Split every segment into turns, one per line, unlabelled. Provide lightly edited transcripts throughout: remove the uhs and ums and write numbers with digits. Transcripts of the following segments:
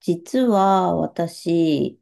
実は私、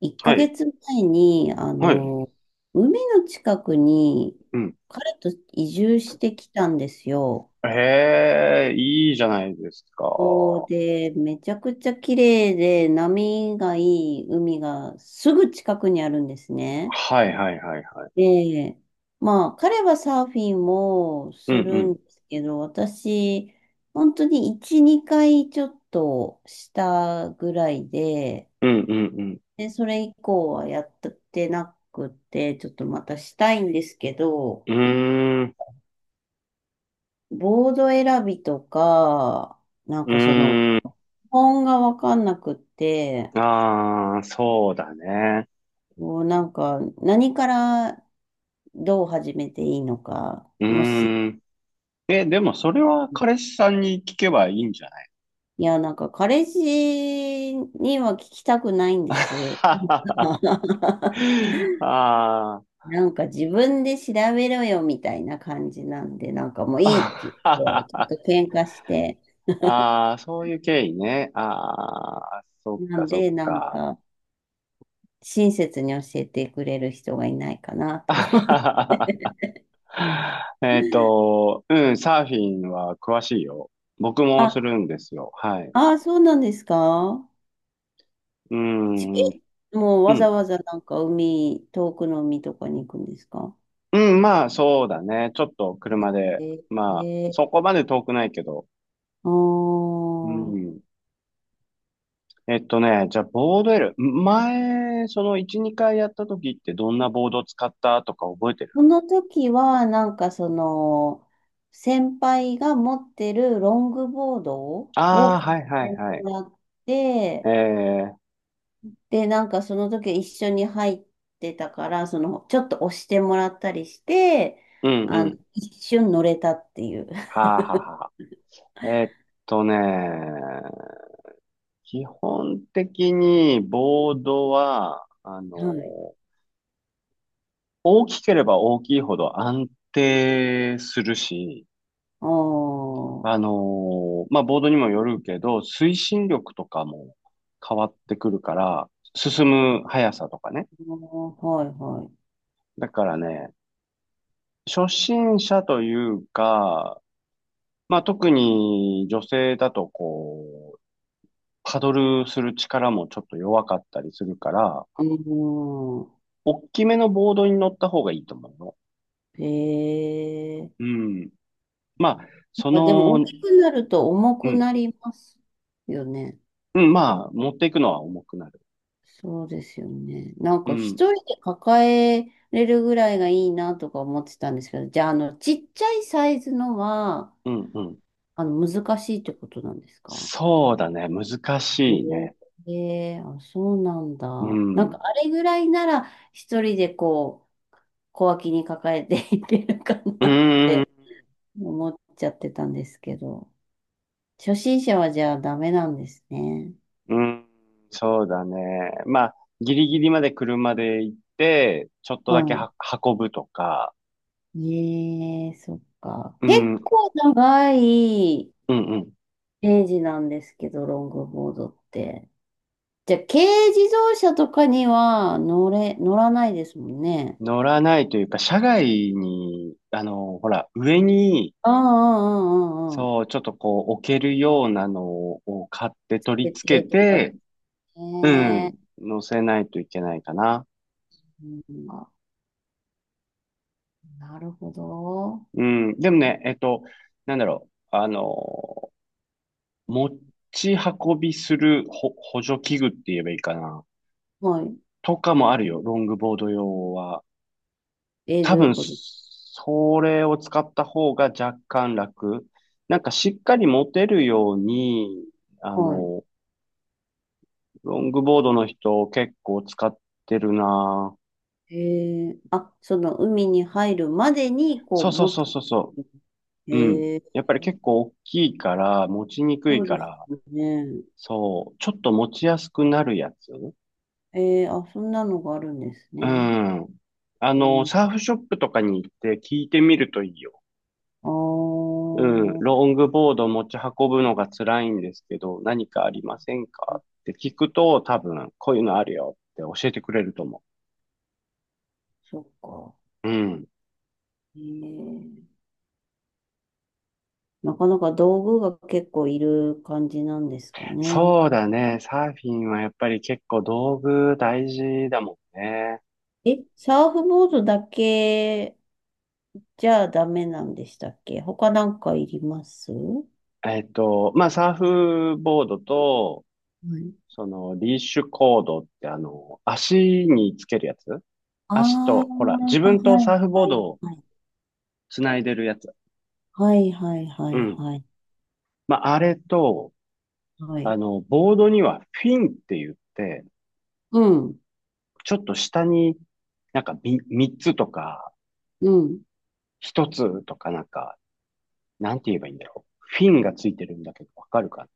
1
は
ヶ
い。
月前に、
はい。
海の近くに
うん。
彼と移住してきたんですよ。
ええ、いいじゃないですか。
そう
は
で、めちゃくちゃ綺麗で波がいい海がすぐ近くにあるんですね。
いはいはいはい。
で、まあ、彼はサーフィンも
う
するん
ん
ですけど、私、本当に1、2回ちょっとしたぐらいで、
うん。うんうん
で、それ以降はやってなくて、ちょっとまたしたいんですけど、
うん。うーん。
ボード選びとか、なん
う
か
ーん。
本がわかんなくって、
ああ、そうだね。
もうなんか、何からどう始めていいのか、
うーん。え、でもそれは彼氏さんに聞けばいいんじゃない？
いや、なんか、彼氏には聞きたくないんで す。
あ
なんか自分で調べろよみたいな感じなんで、なんかもういいっ
あ。
て言って、ちょっ と喧嘩して、
ああ、そういう経緯ね。ああ、そっ
な
か
ん
そっ
で、なん
か。
か、親切に教えてくれる人がいないかなと思う。
うん、サーフィンは詳しいよ。僕 もす
あ、
るんですよ。はい。
ああ、そうなんですか？
う
ち、
ん、う
え、もうわざ
ん。
わざなんか遠くの海とかに行くんですか？
うん、まあ、そうだね。ちょっと車で。まあ、
ええ、
そこまで遠くないけど。
ああ
う
ー、
ん。じゃあ、ボード L。前、その1、2回やった時ってどんなボード使ったとか覚えてる？
その時はなんか先輩が持ってるロングボード
あ
を
あ、
買っ
はいはい
て
はい。
もらって、
ええ、
で、なんかその時一緒に入ってたから、ちょっと押してもらったりして、
うんうん。
一瞬乗れたっていう。
はあはあはあ。とね、基本的にボードは、
はい。
大きければ大きいほど安定するし、
ああ、は
まあ、ボードにもよるけど、推進力とかも変わってくるから、進む速さとかね。
いはい。
だからね、初心者というか、まあ、特に女性だとこう、パドルする力もちょっと弱かったりするから、
うん。
大きめのボードに乗った方がいいと思うの。
へ
う
え。
ん。まあ、
やっぱでも大きくなると重
う
く
ん、
なりますよね。
うん、まあ、持っていくのは重くなる。
そうですよね。なん
う
か
ん、
一人で抱えれるぐらいがいいなとか思ってたんですけど、じゃあ、ちっちゃいサイズのは、
うん、うん。
難しいってことなんですか？
そうだね、難しいね。
ええ、あ、そうなんだ。
う
な
ん、
ん
う
かあれぐらいなら一人でこう小脇に抱えて いけるかなっ
ーん、
て思っちゃってたんですけど、初心者はじゃあダメなんですね。
うん、そうだね。まあ、ギリ
う
ギリ
ん、
まで車で行って、ちょっと
は
だけは運ぶとか、
い。ええ、そっか。
うん、う
結
ん、
構長い
うん。
ページなんですけど、ロングボードって。じゃあ軽自動車とかには乗らないですもんね。
乗らないというか、車外に、ほら、上に、
あああああああ
そう、
あ、
ちょっとこう、置けるようなのを買って取り
設
付
定
け
とか。
て、うん、
ねえ。
乗せないといけないかな。
うん、あ、なるほど。
うん、でもね、なんだろう、持ち運びするほ補助器具って言えばいいかな。
はい。
とかもあるよ、ロングボード用は。多
どうい
分、
うこと？
それを使った方が若干楽。なんかしっかり持てるように、あ
は
の、ロングボードの人結構使ってるな。
い。あ、その海に入るまでに、こ
そ
う、
うそう
持
そ
つ。
うそうそう。うん。
えー、
やっぱり結構大きいから、持ちにくい
そうで
か
す
ら、
よね。
そう、ちょっと持ちやすくなるやつ。
あ、そんなのがあるんです
う
ね。
ん。
うん、
サーフショップとかに行って聞いてみるといいよ。
あ
うん。
ー、
ロングボード持ち運ぶのが辛いんですけど、何かありませんかって聞くと、多分、こういうのあるよって教えてくれると思
そっか。
う。うん。
えー、なかなか道具が結構いる感じなんですかね？
そうだね。サーフィンはやっぱり結構道具大事だもんね。
え、サーフボードだけじゃあダメなんでしたっけ？他なんかいります？は
まあ、サーフボードと、
い、
リーシュコードって足につけるやつ、
あ
足
あ
と、ほら、自分
ー、
とサーフボー
は
ド
い、
を
はい、
つないでるやつ。
はい、はい、は
う
い、
ん。
はい、はい
まあ、あれと、
はい。
ボードにはフィンって言って、
うん、
ちょっと下になんかみ三つとか、
うん。
一つとかなんか、なんて言えばいいんだろう。フィンがついてるんだけど、わかるか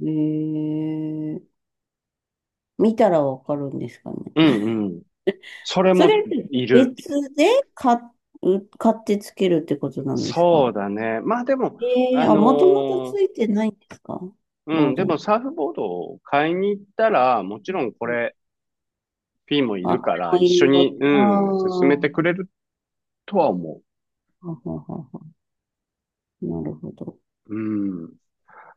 えー、見たらわかるんですか
な？う
ね？
んうん。そ れ
それ、
もいる。
別で買買ってつけるってことなんです
そう
か？
だね。まあでも、あ
あ、
の
もともと
ー
ついてないんですか？
う
ボ
ん、
ー
で
ド
も
に。
サーフボードを買いに行ったら、もち
う
ろ
ん
んこ
うん、
れ、フィンもい
あ、
る
こ
か
れ
ら、
も
一
い
緒
るよっ
に、
て。ああ、
うん、進めて
は
くれるとは思う。
はははなるほど。
うん。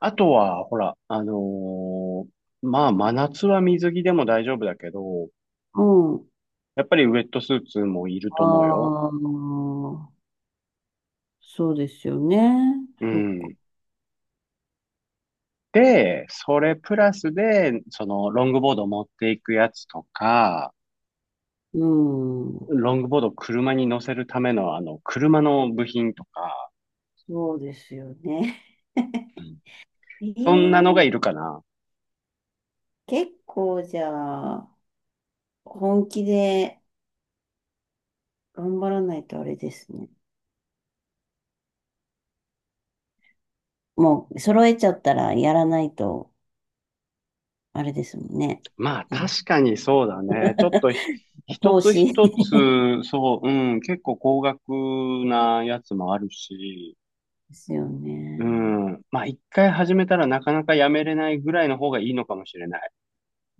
あとは、ほら、まあ、真夏は水着でも大丈夫だけど、
うん。
やっぱりウェットスーツもいる
あ
と思うよ。
あ、そうですよね。
う
そっか。
ん。で、それプラスで、ロングボード持っていくやつとか、
うん。
ロングボードを車に乗せるための、車の部品とか、
そうですよね。
うん、
ええ、
そんなのがいるかな。
結構じゃあ、本気で頑張らないとあれですね。もう、揃えちゃったらやらないと、あれですもんね。
まあ、
なん
確かにそうだね。ちょっとひ、
か
一
投
つ
資
一つ、そう、うん、結構高額なやつもあるし、
ですよ
う
ね。
ん。まあ、一回始めたらなかなかやめれないぐらいの方がいいのかもしれない。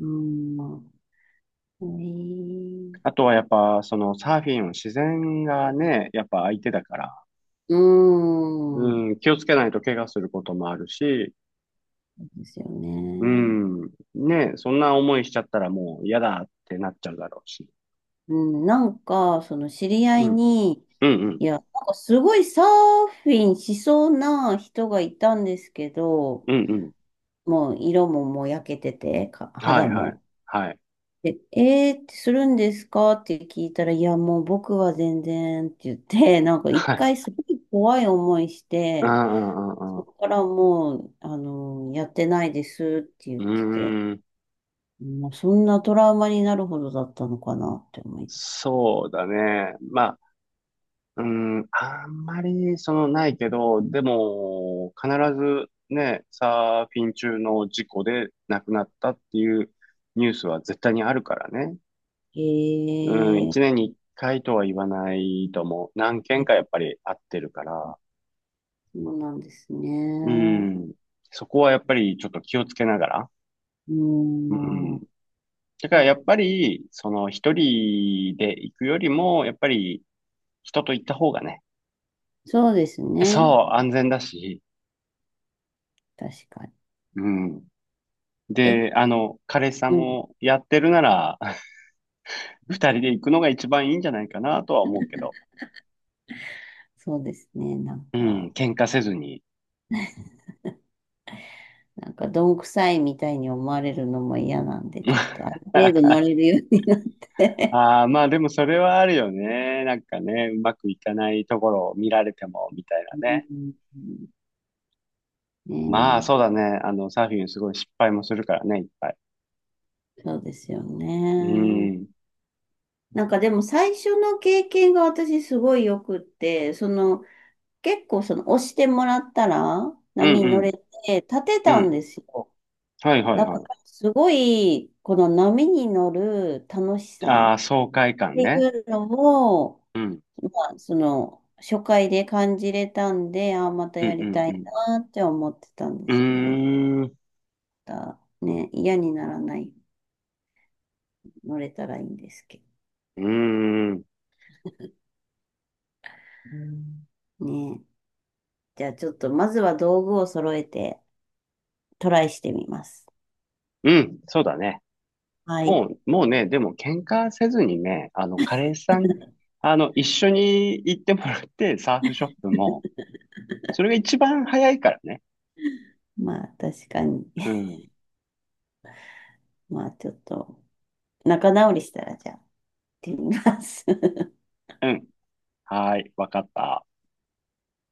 うん。え
あ
え、
とはやっぱ、そのサーフィンは自然がね、やっぱ相手だから、
うん。
うん、気をつけないと怪我することもあるし、
そうですよ
う
ね。
ん、ね、そんな思いしちゃったらもう嫌だってなっちゃうだろうし。
うん、なんか、その知り合
う
い
ん、
に、
うん、う
い
ん、
や、なんかすごいサーフィンしそうな人がいたんですけど、
うん、うん。
もう色ももう焼けてて、か
は
肌
い、はい、
も。
はい、
で、えーってするんですかって聞いたら、いや、もう僕は全然って言って、なんか一
はい。
回すごい怖い思いし
う
て、
ん、うん、うん、
そ
う
こからもう、やってないですって言っ
ん。
てて、
うーん、
もうそんなトラウマになるほどだったのかなって思います。
そうだね。ま、うん、あんまり、ないけど、でも、必ずね、サーフィン中の事故で亡くなったっていうニュースは絶対にあるからね。
へ
うん、
え、
1年に1回とは言わないと思う。何件かやっぱりあってるから。
そうなんです
う
ね。
ん、そこはやっぱりちょっと気をつけながら。
うー
うん。
ん。
だからやっぱり、一人で行くよりも、やっぱり、人と行った方がね、
そうですね。
そう、安全だし、
確かに。
うん。
え、
で、彼氏さん
うん。
もやってるなら、二人で行くのが一番いいんじゃないかなとは思うけど。
そうですね。なん
うん、
か、
喧嘩せずに。
なんか、どんくさいみたいに思われるのも嫌なんで、ちょっ とある程度乗れるようになって。
ああ、まあでもそれはあるよね。なんかね、うまくいかないところを見られても、みたい
う
なね。
ん、ね
まあそうだね。サーフィンすごい失敗もするからね、いっぱい。
え、そうですよ
う
ね。
ん。
なんかでも最初の経験が私すごいよくって、その結構その押してもらったら
う
波
ん
に乗れて立て
うん。う
たん
ん。
ですよ。
はいはい
なんか、
は
すごい、この波に乗る楽し
い。あ
さ
あ、
っ
爽快感
てい
ね。
うのを、
うん。
まあ、初回で感じれたんで、ああ、また
うん
やりたい
うん
なって思ってたんで
う
すけど、
ん。うーん。
またね、嫌にならない、乗れたらいいんですけ
うーん。
どね。じゃあ、ちょっと、まずは道具を揃えて、トライしてみます。
うん。そうだね。
はい。
もう、もうね、でも喧嘩せずにね、彼氏さん、一緒に行ってもらって、サーフショップも、それが一番早いからね。
まあ、確かに。
う ん、
まあ、ちょっと、仲直りしたら、じゃあ、行ってみます。
うん、はーい、わかった。